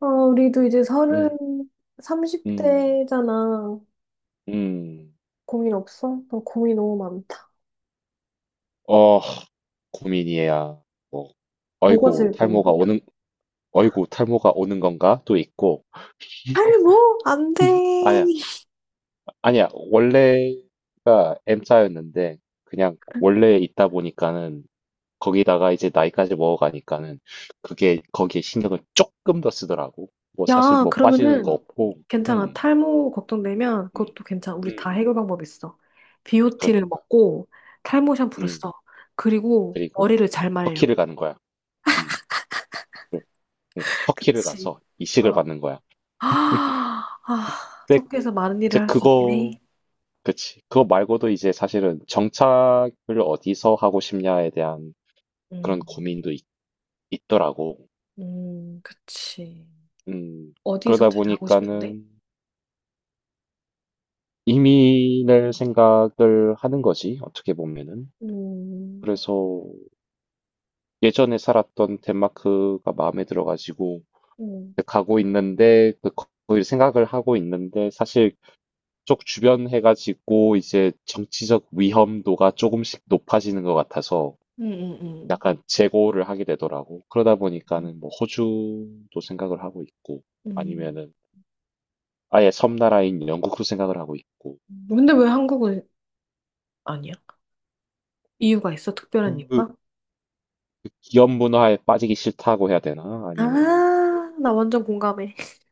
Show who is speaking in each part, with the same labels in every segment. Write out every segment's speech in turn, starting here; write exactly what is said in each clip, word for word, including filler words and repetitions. Speaker 1: 어, 우리도 이제 서른,
Speaker 2: 음. 음.
Speaker 1: 삼십 대잖아.
Speaker 2: 음.
Speaker 1: 고민 없어? 나 고민 너무 많다.
Speaker 2: 어. 고민이야. 뭐
Speaker 1: 뭐가
Speaker 2: "어이구
Speaker 1: 제일 고민이야?
Speaker 2: 탈모가 오는 어이구 탈모가 오는 건가?" 또 있고
Speaker 1: 탈모? 안 돼.
Speaker 2: 아니야. 아니야. 원래가 M자였는데 그냥 원래 있다 보니까는 거기다가 이제 나이까지 먹어가니까는 그게 거기에 신경을 쪼끔 더 쓰더라고. 뭐 사실
Speaker 1: 야,
Speaker 2: 뭐 빠지는 거
Speaker 1: 그러면은
Speaker 2: 없고
Speaker 1: 괜찮아.
Speaker 2: 음.
Speaker 1: 탈모 걱정되면
Speaker 2: 음.
Speaker 1: 그것도 괜찮아. 우리 다
Speaker 2: 음.
Speaker 1: 해결 방법 있어. 비오티를
Speaker 2: 그러니까.
Speaker 1: 먹고 탈모 샴푸를
Speaker 2: 음.
Speaker 1: 써. 그리고
Speaker 2: 그리고
Speaker 1: 머리를 잘 말려.
Speaker 2: 터키를 가는 거야. 음. 네. 터키를
Speaker 1: 그치.
Speaker 2: 가서 이식을
Speaker 1: 어.
Speaker 2: 받는 거야.
Speaker 1: 아, 아,
Speaker 2: 근데
Speaker 1: 석회에서 많은
Speaker 2: 이제
Speaker 1: 일을 할 수 있긴
Speaker 2: 그거,
Speaker 1: 해.
Speaker 2: 그치. 그거 말고도 이제 사실은 정착을 어디서 하고 싶냐에 대한 그런
Speaker 1: 음,
Speaker 2: 고민도 있, 더라고.
Speaker 1: 음, 그치.
Speaker 2: 음,
Speaker 1: 어디서
Speaker 2: 그러다
Speaker 1: 제일 하고 싶은데?
Speaker 2: 보니까는 이민을 생각을 하는 거지, 어떻게 보면은.
Speaker 1: 음,
Speaker 2: 그래서 예전에 살았던 덴마크가 마음에 들어가지고
Speaker 1: 음,
Speaker 2: 가고 있는데, 그, 거기 생각을 하고 있는데, 사실 쪽 주변 해가 지고 이제 정치적 위험도가 조금씩 높아지는 것 같아서
Speaker 1: 음, 음,
Speaker 2: 약간 재고를 하게 되더라고. 그러다
Speaker 1: 음.
Speaker 2: 보니까는 뭐 호주도 생각을 하고 있고
Speaker 1: 음.
Speaker 2: 아니면은 아예 섬나라인 영국도 생각을 하고 있고
Speaker 1: 근데 왜 한국은 아니야? 이유가 있어? 특별한
Speaker 2: 그,
Speaker 1: 이유가?
Speaker 2: 그 기업 문화에 빠지기 싫다고 해야 되나?
Speaker 1: 아,
Speaker 2: 아니면은 그-
Speaker 1: 나 완전 공감해.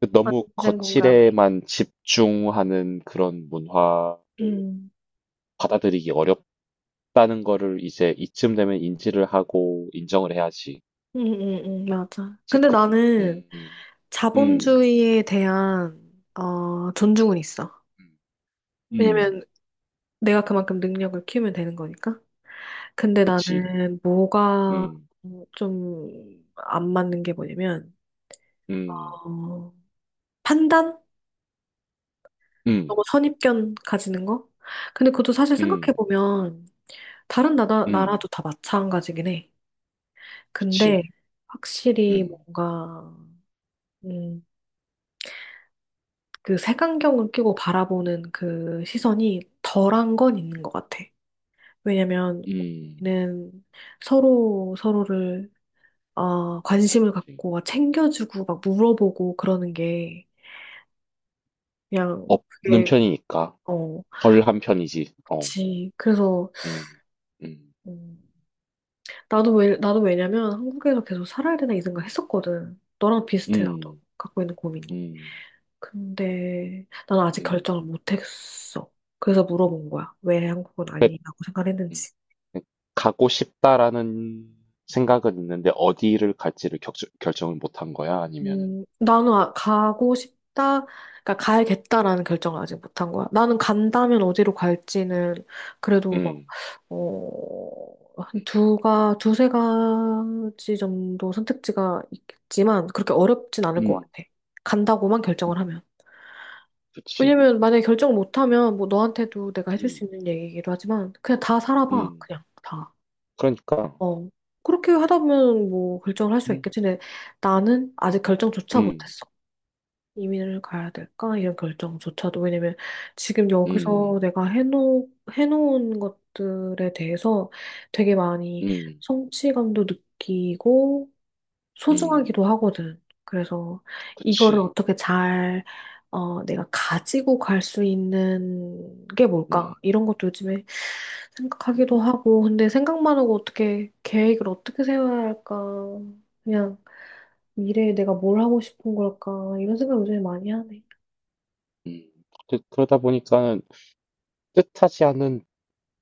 Speaker 2: 그 너무
Speaker 1: 완전 공감해.
Speaker 2: 거칠에만 집중하는 그런 문화를
Speaker 1: 음,
Speaker 2: 받아들이기 어렵다는 거를 이제 이쯤 되면 인지를 하고 인정을 해야지.
Speaker 1: 음, 음, 음. 맞아.
Speaker 2: 제,
Speaker 1: 근데
Speaker 2: 그,
Speaker 1: 나는 음.
Speaker 2: 음, 음.
Speaker 1: 자본주의에 대한, 어, 존중은 있어.
Speaker 2: 음.
Speaker 1: 왜냐면 내가 그만큼 능력을 키우면 되는 거니까. 근데
Speaker 2: 그치.
Speaker 1: 나는 뭐가
Speaker 2: 음.
Speaker 1: 좀 안 맞는 게 뭐냐면,
Speaker 2: 음.
Speaker 1: 어, 판단?
Speaker 2: 음.
Speaker 1: 너무 선입견 가지는 거? 근데 그것도 사실
Speaker 2: 음.
Speaker 1: 생각해보면 다른 나라,
Speaker 2: 음.
Speaker 1: 나라도 다 마찬가지긴 해. 근데
Speaker 2: 그치.
Speaker 1: 확실히
Speaker 2: 음.
Speaker 1: 뭔가 음, 그 색안경을 끼고 바라보는 그 시선이 덜한 건 있는 것 같아. 왜냐면
Speaker 2: 음.
Speaker 1: 우리는 서로 서로를 어, 관심을
Speaker 2: 그치.
Speaker 1: 갖고 막 챙겨주고 막 물어보고 그러는 게 그냥
Speaker 2: 없는
Speaker 1: 그게
Speaker 2: 편이니까.
Speaker 1: 어,
Speaker 2: 덜한 편이지. 어.
Speaker 1: 그렇지. 그래서
Speaker 2: 음. 음.
Speaker 1: 음, 나도 왜, 나도 왜냐면 한국에서 계속 살아야 되나 이 생각 했었거든. 너랑 비슷해, 나도.
Speaker 2: 음.
Speaker 1: 갖고 있는 고민이.
Speaker 2: 음.
Speaker 1: 근데 나는 아직
Speaker 2: 음.
Speaker 1: 결정을 못 했어. 그래서 물어본 거야. 왜 한국은
Speaker 2: 그-
Speaker 1: 아니라고
Speaker 2: 음.
Speaker 1: 생각했는지.
Speaker 2: 음. 가고 싶다라는 생각은 있는데 어디를 갈지를 격 결정을 못한 거야? 아니면
Speaker 1: 음, 나는 아- 가고 싶다, 그러니까 가야겠다라는 결정을 아직 못 한 거야. 나는 간다면 어디로 갈지는 그래도 막,
Speaker 2: 음.
Speaker 1: 어, 한
Speaker 2: 음.
Speaker 1: 두가, 두세 가지 정도 선택지가 있겠지만 그렇게 어렵진 않을 것 같아. 간다고만 결정을
Speaker 2: 음.
Speaker 1: 하면.
Speaker 2: 그치.
Speaker 1: 왜냐면 만약에 결정 못하면 뭐 너한테도 내가 해줄 수
Speaker 2: 음.
Speaker 1: 있는 얘기이기도 하지만 그냥 다 살아봐.
Speaker 2: 음.
Speaker 1: 그냥 다.
Speaker 2: 그러니까.
Speaker 1: 어. 그렇게 하다 보면 뭐 결정을 할 수
Speaker 2: 음.
Speaker 1: 있겠지. 근데 나는
Speaker 2: 음.
Speaker 1: 아직 결정조차
Speaker 2: 음.
Speaker 1: 못했어. 이민을 가야 될까? 이런 결정조차도. 왜냐면 지금
Speaker 2: 음.
Speaker 1: 여기서 내가 해놓, 해놓은 것들에 대해서 되게 많이
Speaker 2: 음.
Speaker 1: 성취감도 느끼고
Speaker 2: 음.
Speaker 1: 소중하기도 하거든. 그래서 이거를
Speaker 2: 그치.
Speaker 1: 어떻게 잘, 어, 내가 가지고 갈 수 있는 게 뭘까?
Speaker 2: 음.
Speaker 1: 이런 것도 요즘에
Speaker 2: 음.
Speaker 1: 생각하기도 하고, 근데 생각만 하고 어떻게 계획을 어떻게 세워야 할까? 그냥 미래에 내가 뭘 하고 싶은 걸까? 이런 생각 요즘에 많이 하네.
Speaker 2: 음. 그- 그러다 보니까는 뜻하지 않은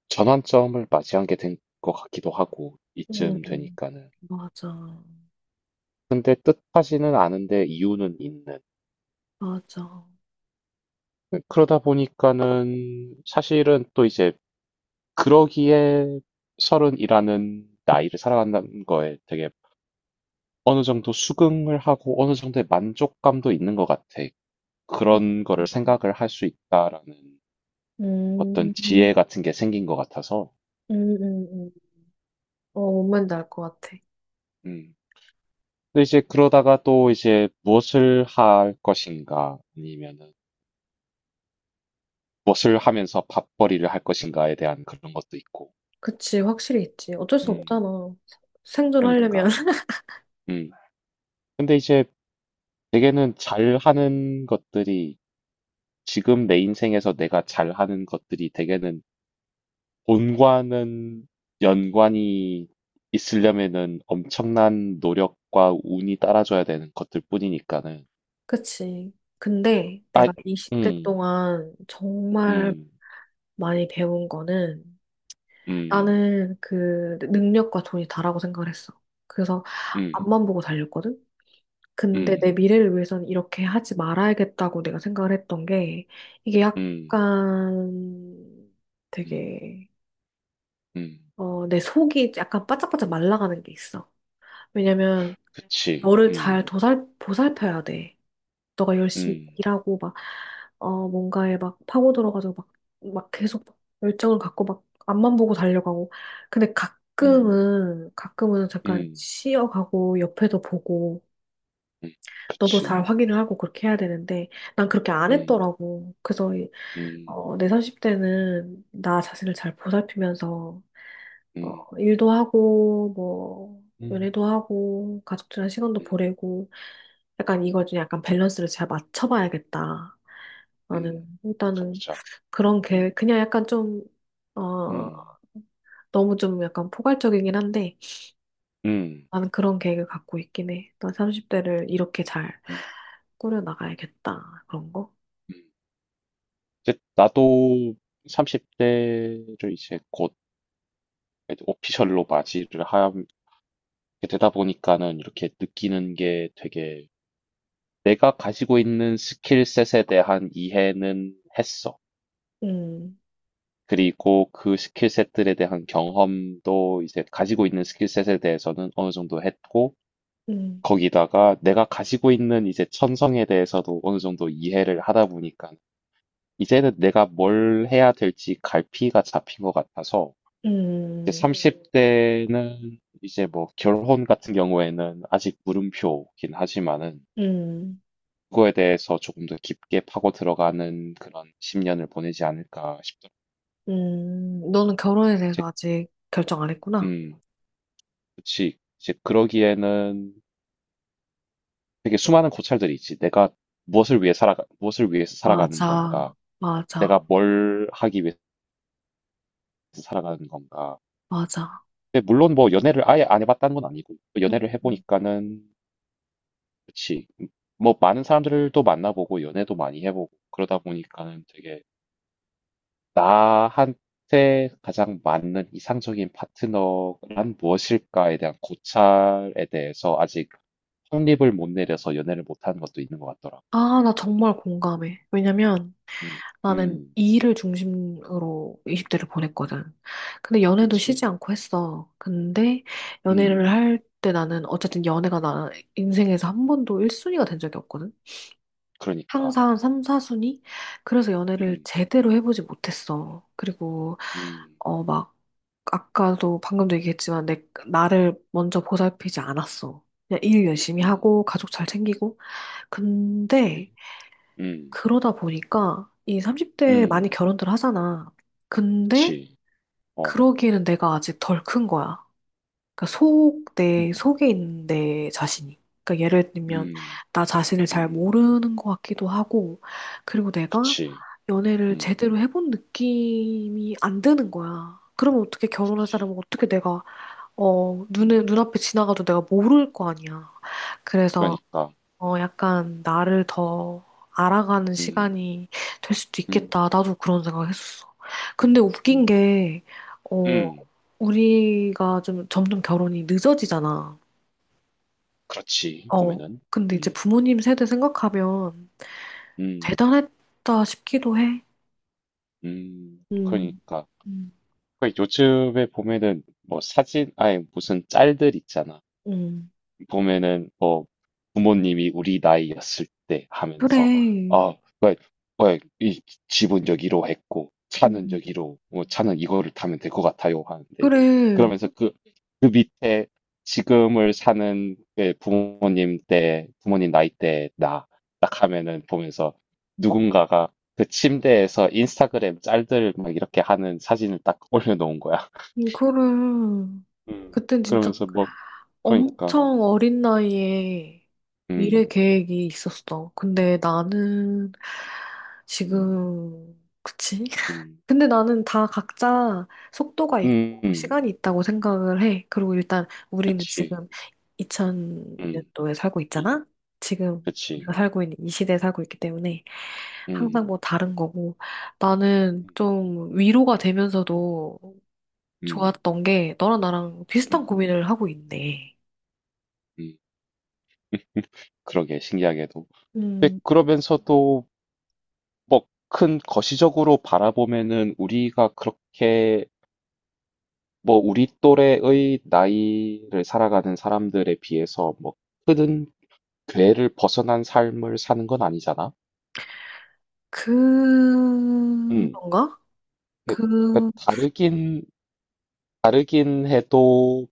Speaker 2: 전환점을 맞이한 게 된 것 같기도 하고,
Speaker 1: 음,
Speaker 2: 이쯤 되니까는.
Speaker 1: 맞아.
Speaker 2: 근데 뜻하지는 않은데 이유는 있는.
Speaker 1: 맞아.
Speaker 2: 그, 그러다 보니까는 사실은 또 이제 그러기에 서른이라는 나이를 살아간다는 거에 되게 어느 정도 수긍을 하고 어느 정도의 만족감도 있는 것 같아. 그런 거를 생각을 할 수 있다라는
Speaker 1: 음,
Speaker 2: 어떤
Speaker 1: 음,
Speaker 2: 지혜 같은 게 생긴 것 같아서.
Speaker 1: 음, 음. 어, 뭔 말인지 알 것 같아.
Speaker 2: 음. 근데 이제 그러다가 또 이제 무엇을 할 것인가 아니면은 무엇을 하면서 밥벌이를 할 것인가에 대한 그런 것도 있고.
Speaker 1: 그치, 확실히 있지. 어쩔 수
Speaker 2: 음.
Speaker 1: 없잖아. 생존하려면.
Speaker 2: 그러니까. 음. 근데 이제 대개는 잘하는 것들이 지금 내 인생에서 내가 잘하는 것들이 대개는 본과는 연관이 있으려면은 엄청난 노력과 운이 따라줘야 되는 것들 뿐이니까는.
Speaker 1: 그치. 근데
Speaker 2: 아,
Speaker 1: 내가 이십 대
Speaker 2: 음,
Speaker 1: 동안 정말
Speaker 2: 음.
Speaker 1: 많이 배운 거는
Speaker 2: 음.
Speaker 1: 나는 그 능력과 돈이 다라고 생각을 했어. 그래서
Speaker 2: 음.
Speaker 1: 앞만 보고 달렸거든? 근데 내
Speaker 2: 음.
Speaker 1: 미래를 위해서는 이렇게 하지 말아야겠다고 내가 생각을 했던 게 이게
Speaker 2: 음.
Speaker 1: 약간
Speaker 2: 음.
Speaker 1: 되게
Speaker 2: 음.
Speaker 1: 어, 내 속이 약간 바짝바짝 말라가는 게 있어. 왜냐면
Speaker 2: 그치.
Speaker 1: 너를 잘
Speaker 2: 음.
Speaker 1: 도살, 보살펴야 돼. 너가 열심히
Speaker 2: 음.
Speaker 1: 일하고 막, 어, 뭔가에 막 파고들어가지고 막, 막 계속 막 열정을 갖고 막 앞만 보고 달려가고. 근데
Speaker 2: 음.
Speaker 1: 가끔은, 가끔은 잠깐
Speaker 2: 음.
Speaker 1: 쉬어가고 옆에도 보고
Speaker 2: 음.
Speaker 1: 너도
Speaker 2: 그치.
Speaker 1: 잘 확인을 하고 그렇게 해야 되는데 난 그렇게 안
Speaker 2: 음.
Speaker 1: 했더라고. 그래서, 이-
Speaker 2: 음.
Speaker 1: 어, 내 삼십 대는 나 자신을 잘 보살피면서, 어,
Speaker 2: 음.
Speaker 1: 일도 하고, 뭐,
Speaker 2: 음.
Speaker 1: 연애도 하고, 가족들이랑 시간도
Speaker 2: 음.
Speaker 1: 보내고, 약간
Speaker 2: 음.
Speaker 1: 이걸 좀 약간 밸런스를 잘 맞춰봐야겠다.
Speaker 2: 음.
Speaker 1: 나는
Speaker 2: 맞아,
Speaker 1: 일단은
Speaker 2: 맞아.
Speaker 1: 그런
Speaker 2: 음.
Speaker 1: 계획, 그냥 약간 좀, 어,
Speaker 2: 음.
Speaker 1: 너무 좀 약간 포괄적이긴 한데
Speaker 2: 음.
Speaker 1: 나는 그런 계획을 갖고 있긴 해. 나 삼십 대를 이렇게 잘
Speaker 2: 음.
Speaker 1: 꾸려나가야겠다. 그런 거?
Speaker 2: 음. 이제 나도 삼십 대를 이제 곧 오피셜로 맞이를 하게 되다 보니까는 이렇게 느끼는 게 되게 내가 가지고 있는 스킬셋에 대한 이해는 했어.
Speaker 1: 음,
Speaker 2: 그리고 그 스킬셋들에 대한 경험도 이제 가지고 있는 스킬셋에 대해서는 어느 정도 했고,
Speaker 1: 음,
Speaker 2: 거기다가 내가 가지고 있는 이제 천성에 대해서도 어느 정도 이해를 하다 보니까 이제는 내가 뭘 해야 될지 갈피가 잡힌 것 같아서 이제
Speaker 1: 음,
Speaker 2: 삼십 대는 이제 뭐 결혼 같은 경우에는 아직 물음표긴 하지만은
Speaker 1: 음,
Speaker 2: 그거에 대해서 조금 더 깊게 파고 들어가는 그런 십 년을 보내지 않을까 싶더라고요.
Speaker 1: 음. 너는 결혼에
Speaker 2: 이제,
Speaker 1: 대해서 아직 결정 안 했구나.
Speaker 2: 음, 그치. 이제 그러기에는 되게 수많은 고찰들이 있지. 내가 무엇을 위해 살아가, 무엇을 위해서 살아가는 건가?
Speaker 1: 맞아,
Speaker 2: 내가
Speaker 1: 맞아,
Speaker 2: 뭘 하기 위해서 살아가는 건가?
Speaker 1: 맞아.
Speaker 2: 근데 물론 뭐 연애를 아예 안 해봤다는 건 아니고, 뭐
Speaker 1: 응.
Speaker 2: 연애를 해보니까는, 그치. 뭐 많은 사람들도 만나보고, 연애도 많이 해보고, 그러다 보니까는 되게 나한테 가장 맞는 이상적인 파트너란 무엇일까에 대한 고찰에 대해서 아직 확립을 못 내려서 연애를 못하는 것도 있는 것 같더라고.
Speaker 1: 아, 나 정말 공감해. 왜냐면
Speaker 2: 음,
Speaker 1: 나는
Speaker 2: 음,
Speaker 1: 이 일을 중심으로 이십 대를
Speaker 2: 음,
Speaker 1: 보냈거든. 근데 연애도 쉬지
Speaker 2: 그치.
Speaker 1: 않고 했어. 근데
Speaker 2: 음.
Speaker 1: 연애를 할 때 나는 어쨌든 연애가 나 인생에서 한 번도 일 순위가 된 적이 없거든.
Speaker 2: 그러니까.
Speaker 1: 항상 삼, 사 순위? 그래서 연애를
Speaker 2: 음.
Speaker 1: 제대로 해보지 못했어. 그리고
Speaker 2: 음.
Speaker 1: 어 막 아까도 방금도 얘기했지만 내 나를 먼저 보살피지
Speaker 2: 음.
Speaker 1: 않았어. 그냥 일 열심히
Speaker 2: 음.
Speaker 1: 하고 가족 잘 챙기고
Speaker 2: 그치.
Speaker 1: 근데
Speaker 2: 음.
Speaker 1: 그러다 보니까 이 삼십 대에 많이
Speaker 2: 음.
Speaker 1: 결혼들 하잖아. 근데
Speaker 2: 그치. 어.
Speaker 1: 그러기에는 내가 아직 덜 큰 거야. 그러니까 속, 내
Speaker 2: 음.
Speaker 1: 속에 있는 내 자신이. 그러니까 예를
Speaker 2: 음.
Speaker 1: 들면
Speaker 2: 음.
Speaker 1: 나 자신을 잘
Speaker 2: 음,
Speaker 1: 모르는 것 같기도 하고, 그리고 내가
Speaker 2: 그치.
Speaker 1: 연애를
Speaker 2: 음.
Speaker 1: 제대로 해본 느낌이 안 드는 거야. 그러면 어떻게 결혼할
Speaker 2: 그치.
Speaker 1: 사람은 어떻게 내가 어 눈에
Speaker 2: 음.
Speaker 1: 눈앞에 지나가도 내가 모를 거 아니야. 그래서
Speaker 2: 그러니까.
Speaker 1: 어, 약간 나를 더 알아가는
Speaker 2: 음.
Speaker 1: 시간이 될 수도 있겠다.
Speaker 2: 음.
Speaker 1: 나도 그런 생각했었어. 근데 웃긴
Speaker 2: 음.
Speaker 1: 게, 어,
Speaker 2: 음.
Speaker 1: 우리가 좀 점점 결혼이 늦어지잖아.
Speaker 2: 그렇지.
Speaker 1: 어,
Speaker 2: 봄에는.
Speaker 1: 근데 이제
Speaker 2: 음.
Speaker 1: 부모님 세대 생각하면
Speaker 2: 음.
Speaker 1: 대단했다 싶기도 해.
Speaker 2: 음.
Speaker 1: 음,
Speaker 2: 그러니까.
Speaker 1: 음,
Speaker 2: 그 요즘에 보면은 뭐 사진, 아니 무슨 짤들 있잖아.
Speaker 1: 음.
Speaker 2: 보면은 뭐 부모님이 우리 나이였을 때 하면서
Speaker 1: 그래.
Speaker 2: 아, 왜, 왜, 이 집은 여기로 했고 차는
Speaker 1: 음,
Speaker 2: 여기로 뭐 차는 이거를 타면 될 것 같아요 하는데
Speaker 1: 그래.
Speaker 2: 그러면서 그, 그 밑에 지금을 사는 그 부모님 때 부모님 나이 때 나 딱 하면은 보면서 누군가가 그 침대에서 인스타그램 짤들 막 이렇게 하는 사진을 딱 올려놓은 거야.
Speaker 1: 음, 그래.
Speaker 2: 음.
Speaker 1: 그땐 진짜
Speaker 2: 그러면서 뭐 그러니까
Speaker 1: 엄청 어린 나이에 미래
Speaker 2: 음,
Speaker 1: 계획이 있었어. 근데 나는
Speaker 2: 음,
Speaker 1: 지금, 그치?
Speaker 2: 음.
Speaker 1: 근데 나는 다 각자 속도가
Speaker 2: 음.
Speaker 1: 있고
Speaker 2: 음.
Speaker 1: 시간이 있다고 생각을 해. 그리고 일단 우리는
Speaker 2: 그치.
Speaker 1: 지금
Speaker 2: 음.
Speaker 1: 이천 년도에 살고
Speaker 2: 이
Speaker 1: 있잖아? 지금
Speaker 2: 그치.
Speaker 1: 우리가 살고 있는 이 시대에 살고 있기 때문에 항상
Speaker 2: 음.
Speaker 1: 뭐 다른 거고 나는
Speaker 2: 음.
Speaker 1: 좀 위로가
Speaker 2: 음.
Speaker 1: 되면서도
Speaker 2: 음.
Speaker 1: 좋았던 게 너랑 나랑 비슷한
Speaker 2: 음.
Speaker 1: 고민을 하고 있네.
Speaker 2: 음. 그러게 신기하게도. 근데
Speaker 1: 음.
Speaker 2: 그러면서도 뭐 큰 거시적으로 바라보면은 우리가 그렇게 뭐 우리 또래의 나이를 살아가는 사람들에 비해서 뭐 큰 궤를 벗어난 삶을 사는 건 아니잖아. 음.
Speaker 1: 그런가?
Speaker 2: 그- 그
Speaker 1: 그,
Speaker 2: 다르긴 다르긴 해도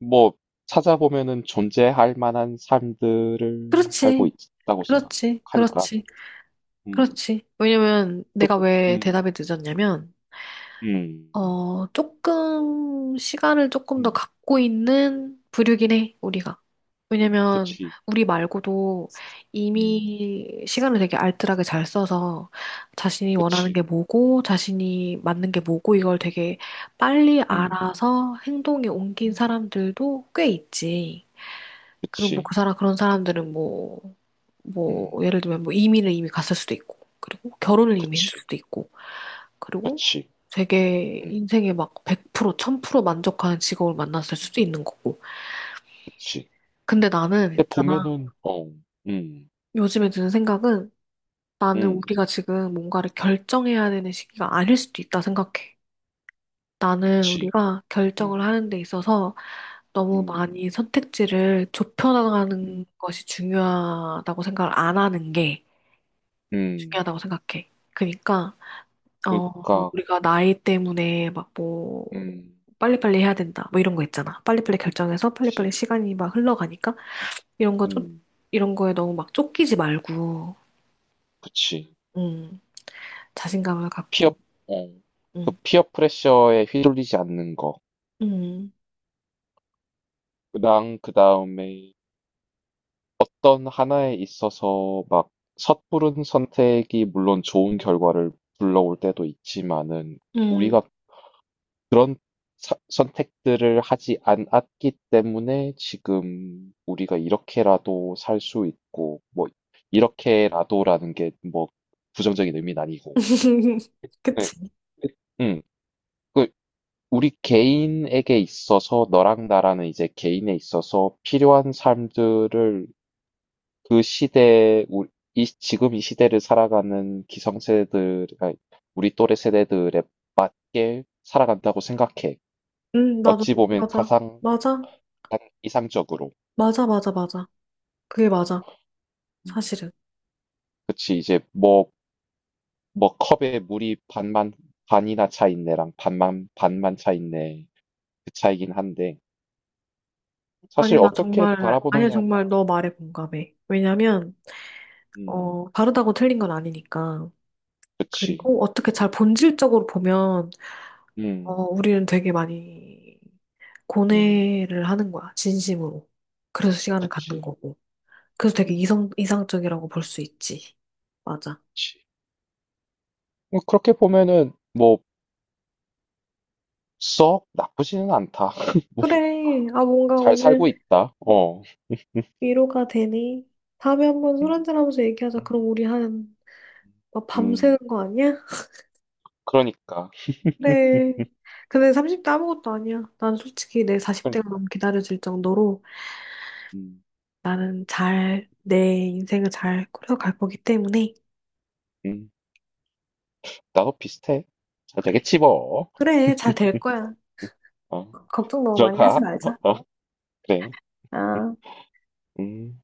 Speaker 2: 뭐 찾아보면은 존재할 만한 삶들을 살고
Speaker 1: 그렇지.
Speaker 2: 있다고
Speaker 1: 그렇지.
Speaker 2: 생각하니까.
Speaker 1: 그렇지.
Speaker 2: 음,
Speaker 1: 그렇지. 왜냐면
Speaker 2: 그,
Speaker 1: 내가 왜
Speaker 2: 음,
Speaker 1: 대답이 늦었냐면,
Speaker 2: 음,
Speaker 1: 어, 조금, 시간을 조금 더
Speaker 2: 음,
Speaker 1: 갖고 있는 부류긴 해,
Speaker 2: 음,
Speaker 1: 우리가.
Speaker 2: 음,
Speaker 1: 왜냐면
Speaker 2: 그치,
Speaker 1: 우리 말고도
Speaker 2: 음,
Speaker 1: 이미 시간을 되게 알뜰하게 잘 써서 자신이 원하는 게
Speaker 2: 그치,
Speaker 1: 뭐고, 자신이
Speaker 2: 음,
Speaker 1: 맞는 게 뭐고, 이걸 되게 빨리
Speaker 2: 음,
Speaker 1: 알아서 행동에 옮긴
Speaker 2: 음,
Speaker 1: 사람들도 꽤 있지. 그리고 뭐 그
Speaker 2: 그치,
Speaker 1: 사람 그런 사람들은 뭐 뭐
Speaker 2: 음,
Speaker 1: 예를 들면 뭐 이민을 이미 갔을 수도 있고 그리고 결혼을 이미 했을
Speaker 2: 그치,
Speaker 1: 수도 있고 그리고
Speaker 2: 그치,
Speaker 1: 되게
Speaker 2: 음,
Speaker 1: 인생에 막 백 프로 천 프로 만족하는 직업을 만났을
Speaker 2: 음,
Speaker 1: 수도 있는 거고
Speaker 2: 그치.
Speaker 1: 근데 나는
Speaker 2: 근데
Speaker 1: 있잖아
Speaker 2: 보면은, 어, 음,
Speaker 1: 요즘에 드는 생각은 나는
Speaker 2: 음,
Speaker 1: 우리가 지금 뭔가를 결정해야 되는 시기가 아닐 수도 있다 생각해. 나는
Speaker 2: 그치,
Speaker 1: 우리가
Speaker 2: 음,
Speaker 1: 결정을 하는 데 있어서 너무
Speaker 2: 음,
Speaker 1: 많이 선택지를 좁혀나가는
Speaker 2: 음,
Speaker 1: 것이 중요하다고 생각을 안 하는 게
Speaker 2: 음,
Speaker 1: 중요하다고 생각해. 그러니까 어
Speaker 2: 그러니까,
Speaker 1: 우리가 나이 때문에 막 뭐
Speaker 2: 음,
Speaker 1: 빨리빨리 해야 된다 뭐 이런 거 있잖아. 빨리빨리 결정해서
Speaker 2: 그치,
Speaker 1: 빨리빨리 시간이 막 흘러가니까
Speaker 2: 음,
Speaker 1: 이런 거 좀
Speaker 2: 음,
Speaker 1: 이런 거에 너무 막 쫓기지 말고
Speaker 2: 그치.
Speaker 1: 음 자신감을
Speaker 2: 피어,
Speaker 1: 갖고
Speaker 2: 어, 그
Speaker 1: 음
Speaker 2: 피어 프레셔에 휘둘리지 않는
Speaker 1: 음,
Speaker 2: 거랑 그 다음에 어떤 하나에 있어서 막 섣부른 선택이 물론 좋은 결과를 불러올 때도 있지만은
Speaker 1: 음.
Speaker 2: 그런 사- 선택들을 하지 않았기 때문에 지금 우리가 이렇게라도 살 수 있고 뭐 이렇게라도라는 게 뭐 부정적인 의미는 아니고 네.
Speaker 1: 그치.
Speaker 2: 음, 그 우리 개인에게 있어서 너랑 나라는 이제 개인에 있어서 필요한 삶들을 그 시대에 우- 이 지금 이 시대를 살아가는 기성세대들 아니, 우리 또래 세대들에게 살아간다고 생각해.
Speaker 1: 음 나도
Speaker 2: 어찌 보면
Speaker 1: 맞아,
Speaker 2: 가상
Speaker 1: 맞아,
Speaker 2: 이상적으로.
Speaker 1: 맞아, 맞아, 맞아. 그게 맞아
Speaker 2: 음.
Speaker 1: 사실은.
Speaker 2: 그치 이제 뭐 뭐 컵에 물이 반만 반이나 차 있네랑 반만 반만 차 있네 그 차이긴 한데
Speaker 1: 아니
Speaker 2: 사실
Speaker 1: 나
Speaker 2: 어떻게
Speaker 1: 정말 아니
Speaker 2: 바라보느냐에
Speaker 1: 정말
Speaker 2: 따라.
Speaker 1: 너 말에 공감해. 왜냐면
Speaker 2: 음
Speaker 1: 어, 다르다고 틀린 건 아니니까.
Speaker 2: 그치.
Speaker 1: 그리고 어떻게 잘 본질적으로 보면, 어,
Speaker 2: 음.
Speaker 1: 우리는 되게 많이
Speaker 2: 음.
Speaker 1: 고뇌를 하는 거야, 진심으로. 그래서 시간을 갖는
Speaker 2: 그치.
Speaker 1: 거고. 그래서 되게
Speaker 2: 음.
Speaker 1: 이성, 이상적이라고 볼 수 있지. 맞아.
Speaker 2: 그치. 뭐 그렇게 보면은 뭐 썩 나쁘지는 않다.
Speaker 1: 그래. 아, 뭔가
Speaker 2: 잘 살고
Speaker 1: 오늘
Speaker 2: 있다. 어. 음.
Speaker 1: 위로가 되니? 다음에 한번 술
Speaker 2: 음,
Speaker 1: 한잔 하면서 얘기하자.
Speaker 2: 음.
Speaker 1: 그럼 우리 한, 막 밤새는
Speaker 2: 음.
Speaker 1: 거 아니야?
Speaker 2: 그러니까.
Speaker 1: 그래. 근데 삼십 대 아무것도 아니야. 난 솔직히 내 사십 대가
Speaker 2: 그러니까.
Speaker 1: 너무 기다려질 정도로
Speaker 2: 음.
Speaker 1: 나는 잘, 내 인생을 잘 꾸려갈 거기 때문에
Speaker 2: 음. 나도 비슷해. 잘
Speaker 1: 그래,
Speaker 2: 되겠지 뭐.
Speaker 1: 그래, 잘 될 거야.
Speaker 2: 어.
Speaker 1: 걱정 너무 많이 하지
Speaker 2: 들어가.
Speaker 1: 말자.
Speaker 2: 어. 그래. 음.
Speaker 1: 아.
Speaker 2: 음.